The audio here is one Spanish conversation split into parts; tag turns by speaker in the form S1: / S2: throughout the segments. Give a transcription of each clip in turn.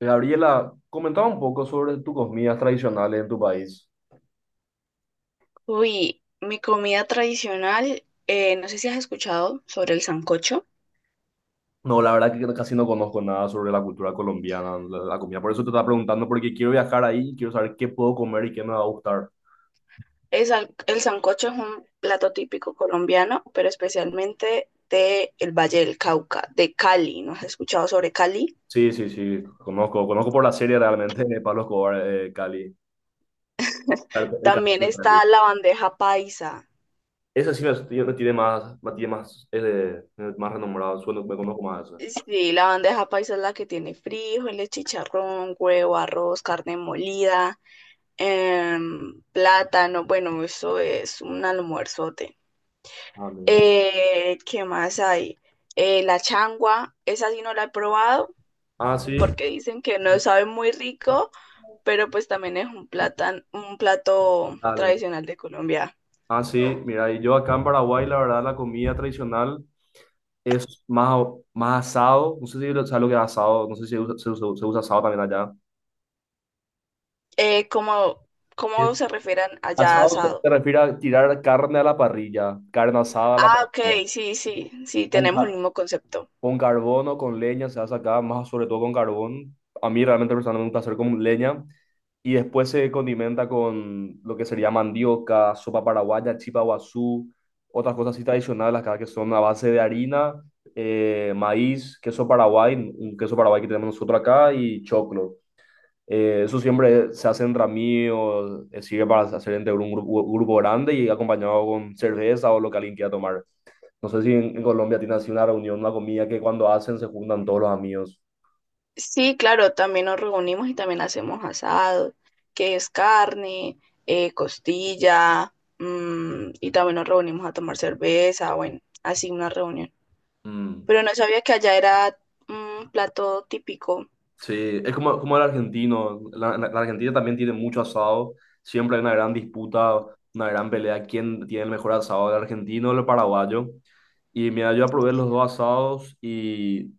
S1: Gabriela, comentaba un poco sobre tus comidas tradicionales en tu país.
S2: Uy, mi comida tradicional, no sé si has escuchado sobre el sancocho.
S1: No, la verdad que casi no conozco nada sobre la cultura colombiana, la comida. Por eso te estaba preguntando, porque quiero viajar ahí, quiero saber qué puedo comer y qué me va a gustar.
S2: El sancocho es un plato típico colombiano, pero especialmente de el Valle del Cauca, de Cali. ¿No has escuchado sobre Cali?
S1: Sí, sí, sí, conozco por la serie realmente de Pablo Escobar, Cali, el
S2: También
S1: cartel de Cali.
S2: está la bandeja paisa.
S1: Esa sí me tiene más, más renombrado, sueno, me conozco más esa.
S2: Sí, la bandeja paisa es la que tiene frijoles, chicharrón, huevo, arroz, carne molida, plátano. Bueno, eso es un almuerzote.
S1: Ah, mira.
S2: ¿Qué más hay? La changua, esa sí no la he probado
S1: Ah, sí,
S2: porque dicen que no sabe muy rico, pero pues también es un un plato
S1: dale.
S2: tradicional de Colombia.
S1: Ah, sí, mira, y yo acá en Paraguay, la verdad, la comida tradicional es más asado. No sé si sabes lo que es asado, no sé si se usa asado también allá.
S2: Eh, ¿cómo,
S1: Sí.
S2: ¿cómo se refieren allá a
S1: Asado se
S2: asado?
S1: refiere a tirar carne a la parrilla, carne asada a la
S2: Ah, ok,
S1: parrilla.
S2: sí, sí, sí,
S1: Con,
S2: tenemos el
S1: ca-
S2: mismo concepto.
S1: con carbón o con leña se hace acá, más sobre todo con carbón. A mí realmente personalmente me gusta hacer con leña. Y después se condimenta con lo que sería mandioca, sopa paraguaya, chipa guazú, otras cosas así tradicionales acá que son a base de harina, maíz, queso paraguay, un queso paraguay que tenemos nosotros acá y choclo. Eso siempre se hace entre amigos, sirve para hacer entre un grupo, grupo grande y acompañado con cerveza o lo que alguien quiera tomar. No sé si en Colombia tiene así una reunión, una comida que cuando hacen se juntan todos los amigos.
S2: Sí, claro, también nos reunimos y también hacemos asado, que es carne, costilla, mm, y también nos reunimos a tomar cerveza, bueno, así una reunión.
S1: Mm.
S2: Pero no sabía que allá era un plato típico.
S1: Sí, es como el argentino. La Argentina también tiene mucho asado. Siempre hay una gran disputa, una gran pelea. ¿Quién tiene el mejor asado, el argentino o el paraguayo? Y mira, yo probé los dos asados y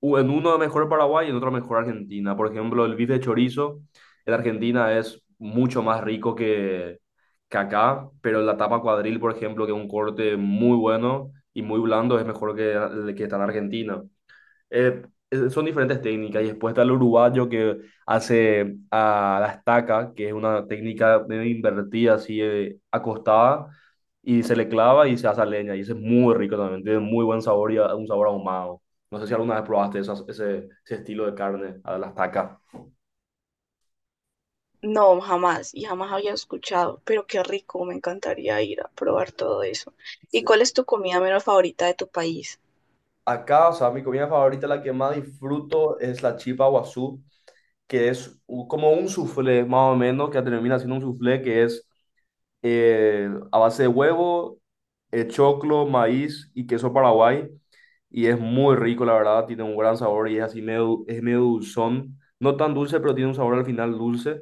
S1: en uno mejor Paraguay y en otro mejor Argentina. Por ejemplo, el bife de chorizo en Argentina es mucho más rico que acá, pero la tapa cuadril, por ejemplo, que es un corte muy bueno y muy blando, es mejor que el que está en Argentina, eh, son diferentes técnicas. Y después está el uruguayo que hace a la estaca, que es una técnica de invertida, así acostada, y se le clava y se hace a leña. Y ese es muy rico también, tiene muy buen sabor y un sabor ahumado. No sé si alguna vez probaste ese estilo de carne, a la estaca.
S2: No, jamás, y jamás había escuchado, pero qué rico, me encantaría ir a probar todo eso. ¿Y
S1: Sí.
S2: cuál es tu comida menos favorita de tu país?
S1: Acá, o sea, mi comida favorita, la que más disfruto, es la chipa guazú, que es como un soufflé, más o menos, que termina siendo un soufflé que es a base de huevo, choclo, maíz y queso paraguay. Y es muy rico, la verdad, tiene un gran sabor y es así medio, es medio dulzón. No tan dulce, pero tiene un sabor al final dulce.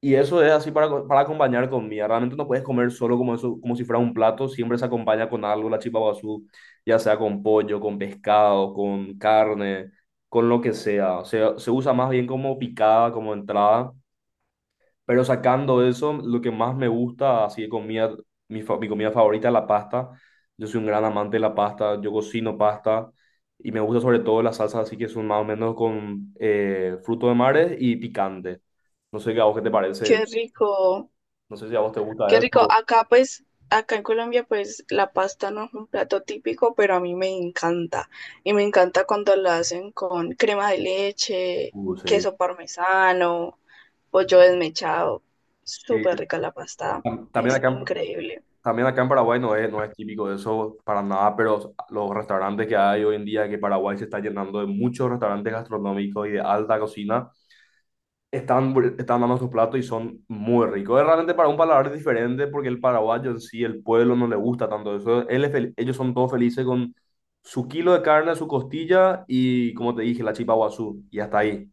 S1: Y eso es así para acompañar comida. Realmente no puedes comer solo como eso, como si fuera un plato. Siempre se acompaña con algo, la chipa guazú, ya sea con pollo, con pescado, con carne, con lo que sea. Se usa más bien como picada, como entrada. Pero sacando eso, lo que más me gusta, así de comida, mi comida favorita es la pasta. Yo soy un gran amante de la pasta, yo cocino pasta y me gusta sobre todo las salsas, así que son más o menos con fruto de mares y picante. No sé qué a vos qué te
S2: Qué
S1: parece,
S2: rico,
S1: no sé si a vos te gusta
S2: qué rico.
S1: eso.
S2: Acá en Colombia pues la pasta no es un plato típico, pero a mí me encanta. Y me encanta cuando la hacen con crema de leche,
S1: Sí.
S2: queso parmesano, pollo desmechado.
S1: Sí.
S2: Súper rica la pasta,
S1: También
S2: es
S1: acá,
S2: increíble.
S1: también acá en Paraguay no es típico de eso para nada, pero los restaurantes que hay hoy en día, que Paraguay se está llenando de muchos restaurantes gastronómicos y de alta cocina están dando sus platos y son muy ricos. Es realmente para un paladar diferente porque el paraguayo en sí, el pueblo no le gusta tanto eso. Ellos son todos felices con su kilo de carne, su costilla y, como te dije, la chipa guazú y hasta ahí.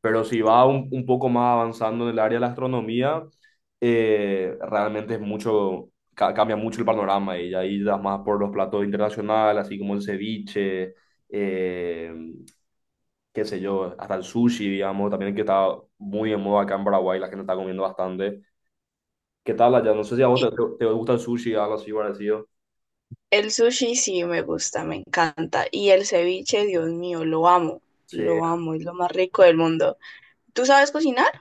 S1: Pero si va un poco más avanzando en el área de la astronomía, realmente es mucho, cambia mucho el panorama y ahí das más por los platos internacionales, así como el ceviche, eh, qué sé yo, hasta el sushi, digamos, también que está muy en moda acá en Paraguay, la gente está comiendo bastante. ¿Qué tal allá? No sé si a vos te gusta el sushi, algo así parecido.
S2: El sushi sí me gusta, me encanta. Y el ceviche, Dios mío,
S1: Sí.
S2: lo amo, es lo más rico del mundo. ¿Tú sabes cocinar?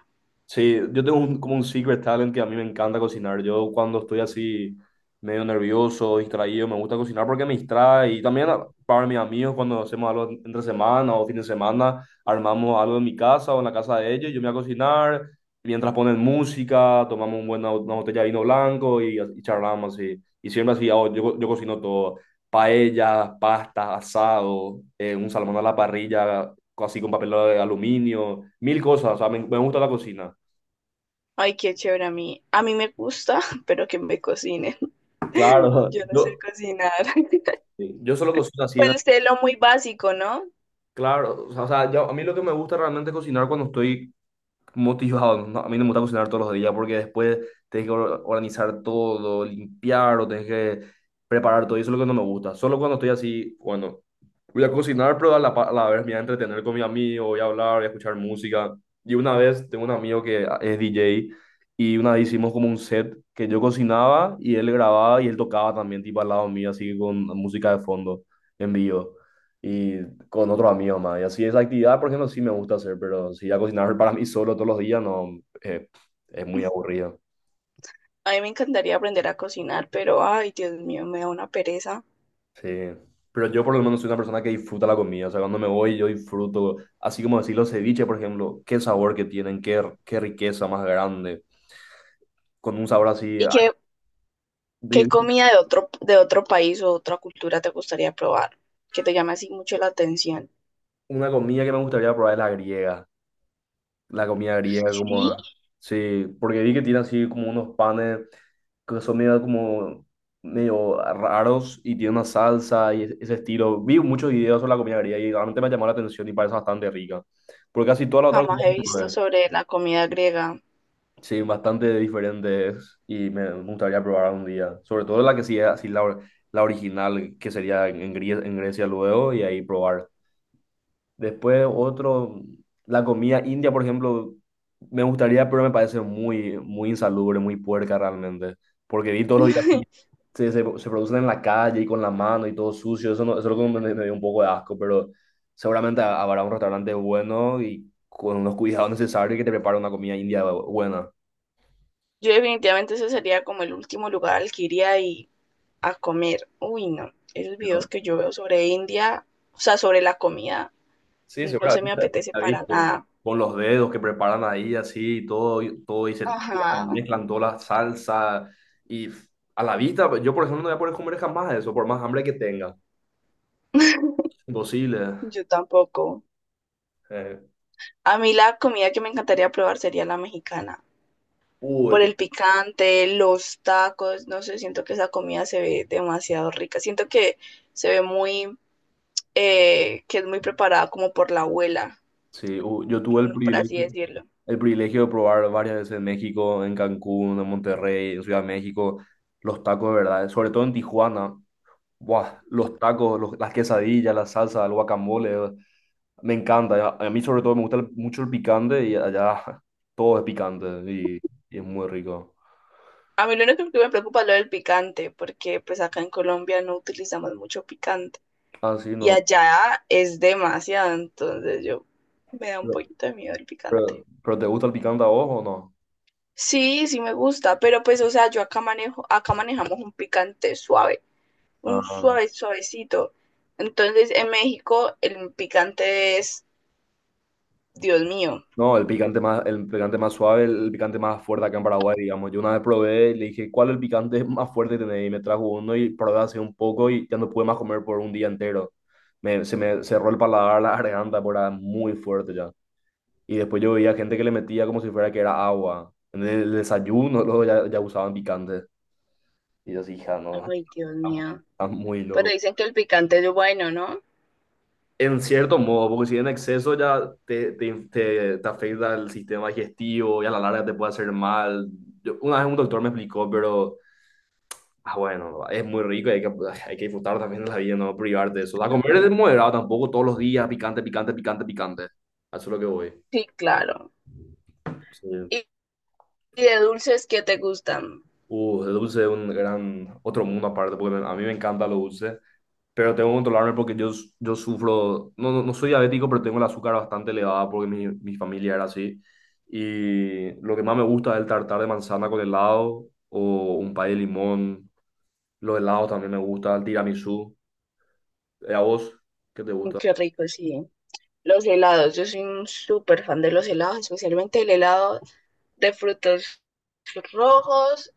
S1: Sí, yo tengo como un secret talent que a mí me encanta cocinar. Yo cuando estoy así medio nervioso, distraído, me gusta cocinar porque me distrae. Y también para mis amigos cuando hacemos algo entre semana o fin de semana, armamos algo en mi casa o en la casa de ellos, yo me voy a cocinar. Mientras ponen música, tomamos una botella de vino blanco y charlamos así. Y siempre así, yo cocino todo. Paellas, pastas, asado, un salmón a la parrilla, así con papel de aluminio, mil cosas. O sea, me gusta la cocina.
S2: Ay, qué chévere a mí. A mí me gusta, pero que me cocinen.
S1: Claro,
S2: Yo no sé
S1: yo,
S2: cocinar.
S1: yo solo cocino así, ¿no?
S2: Pues sé lo muy básico, ¿no?
S1: Claro. O sea, a mí lo que me gusta realmente es cocinar cuando estoy motivado. No, a mí no me gusta cocinar todos los días porque después tenés que organizar todo, limpiar o tenés que preparar todo. Y eso es lo que no me gusta. Solo cuando estoy así, bueno, voy a cocinar, pero a la vez me voy a entretener con mi amigo, voy a hablar, voy a escuchar música. Y una vez tengo un amigo que es DJ y una vez hicimos como un set que yo cocinaba y él grababa y él tocaba también, tipo al lado mío, así con música de fondo en vivo y con otros amigos más. Y así esa actividad, por ejemplo, sí me gusta hacer, pero si ya cocinar para mí solo todos los días, no, eh, es muy aburrido.
S2: A mí me encantaría aprender a cocinar, pero ay, Dios mío, me da una pereza.
S1: Sí. Pero yo por lo menos soy una persona que disfruta la comida, o sea, cuando me voy yo disfruto, así como decir los ceviches, por ejemplo, qué sabor que tienen, qué, qué riqueza más grande, con un sabor así.
S2: ¿Y qué, ¿qué
S1: De-
S2: comida de otro país o otra cultura te gustaría probar? Que te llame así mucho la atención.
S1: Una comida que me gustaría probar es la griega. La comida griega,
S2: Sí,
S1: como. Sí, porque vi que tiene así como unos panes que son medio como, medio raros y tiene una salsa y ese estilo. Vi muchos videos sobre la comida griega y realmente me llamó la atención y parece bastante rica. Porque casi toda la otra
S2: jamás
S1: comida
S2: he
S1: que
S2: visto
S1: probé,
S2: sobre la comida griega.
S1: sí, bastante diferentes y me gustaría probar un día. Sobre todo la que sí es así la original, que sería en Grecia luego y ahí probar. Después otro, la comida india, por ejemplo, me gustaría, pero me parece muy, muy insalubre, muy puerca realmente. Porque vi todos los días se producen en la calle y con la mano y todo sucio. Eso, no, eso es lo que me dio un poco de asco, pero seguramente habrá un restaurante bueno y con los cuidados necesarios que te prepara una comida india buena.
S2: Yo definitivamente ese sería como el último lugar al que iría y a comer. Uy, no. Esos videos que yo veo sobre India, o sea, sobre la comida,
S1: Sí,
S2: no se me
S1: seguramente
S2: apetece
S1: la
S2: para
S1: viste.
S2: nada.
S1: Con los dedos que preparan ahí, así, y todo, todo y se tiran,
S2: Ajá,
S1: mezclan toda la salsa. Y f- a la vista, yo por ejemplo no voy a poder comer jamás eso, por más hambre que tenga. Imposible.
S2: yo tampoco.
S1: Eh,
S2: A mí la comida que me encantaría probar sería la mexicana.
S1: uh,
S2: Por
S1: yo-
S2: el picante, los tacos, no sé, siento que esa comida se ve demasiado rica. Siento que se ve muy, que es muy preparada como por la abuela,
S1: sí, yo tuve
S2: mm, por así decirlo.
S1: el privilegio de probar varias veces en México, en Cancún, en Monterrey, en Ciudad de México, los tacos de verdad, sobre todo en Tijuana. Buah, los tacos, las quesadillas, la salsa, el guacamole. Me encanta, a mí sobre todo me gusta mucho el picante y allá todo es picante y es muy rico.
S2: A mí lo único que me preocupa es lo del picante, porque pues acá en Colombia no utilizamos mucho picante
S1: Ah, sí,
S2: y
S1: no.
S2: allá es demasiado, entonces yo me da un
S1: Pero,
S2: poquito de miedo el picante.
S1: pero ¿te gusta el picante a vos o no?
S2: Sí, sí me gusta, pero pues o sea, yo acá manejo, acá manejamos un picante suave, un
S1: Ah,
S2: suave suavecito. Entonces en México el picante es, Dios mío,
S1: no, el picante más suave, el picante más fuerte acá en Paraguay, digamos. Yo una vez probé y le dije, ¿cuál es el picante más fuerte que tenés? Y me trajo uno y probé hace un poco y ya no pude más comer por un día entero. Se me cerró el paladar, la garganta, porque era muy fuerte ya. Y después yo veía gente que le metía como si fuera que era agua. En el desayuno luego ya usaban picante. Y yo así, hija, no,
S2: ay Dios
S1: está
S2: mío,
S1: está muy
S2: pero
S1: loco.
S2: dicen que el picante es bueno, ¿no?
S1: En cierto modo, porque si en exceso ya te afecta el sistema digestivo y a la larga te puede hacer mal. Una vez un doctor me explicó, pero ah, bueno, es muy rico y hay que disfrutar también de la vida, no privarte de eso. A comer es moderado tampoco todos los días, picante, picante, picante, picante. A eso es lo que voy.
S2: Sí, claro.
S1: Sí.
S2: ¿Y, ¿y de dulces qué te gustan?
S1: El dulce es un gran, otro mundo aparte, porque a mí me encanta lo dulce, pero tengo que controlarme porque yo sufro, no, no, no soy diabético, pero tengo el azúcar bastante elevada porque mi familia era así. Y lo que más me gusta es el tartar de manzana con helado o un pay de limón. Los helados también me gusta, el tiramisú. ¿A vos qué te gusta?
S2: Qué rico, sí. Los helados, yo soy un súper fan de los helados, especialmente el helado de frutos rojos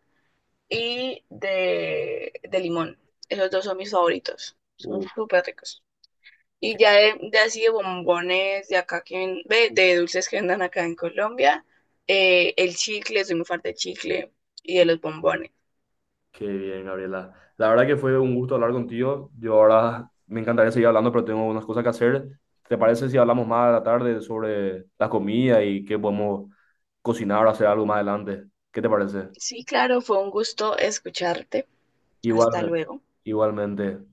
S2: y de limón. Esos dos son mis favoritos, son
S1: Uh,
S2: súper ricos. Y ya de así de bombones de acá que ve, de dulces que vendan acá en Colombia, el chicle, soy muy fan del chicle y de los bombones.
S1: Qué bien, Gabriela. La verdad que fue un gusto hablar contigo. Yo ahora me encantaría seguir hablando, pero tengo unas cosas que hacer. ¿Te parece si hablamos más a la tarde sobre la comida y qué podemos cocinar o hacer algo más adelante? ¿Qué te parece?
S2: Sí, claro, fue un gusto escucharte. Hasta
S1: Igualmente.
S2: luego.
S1: Igualmente.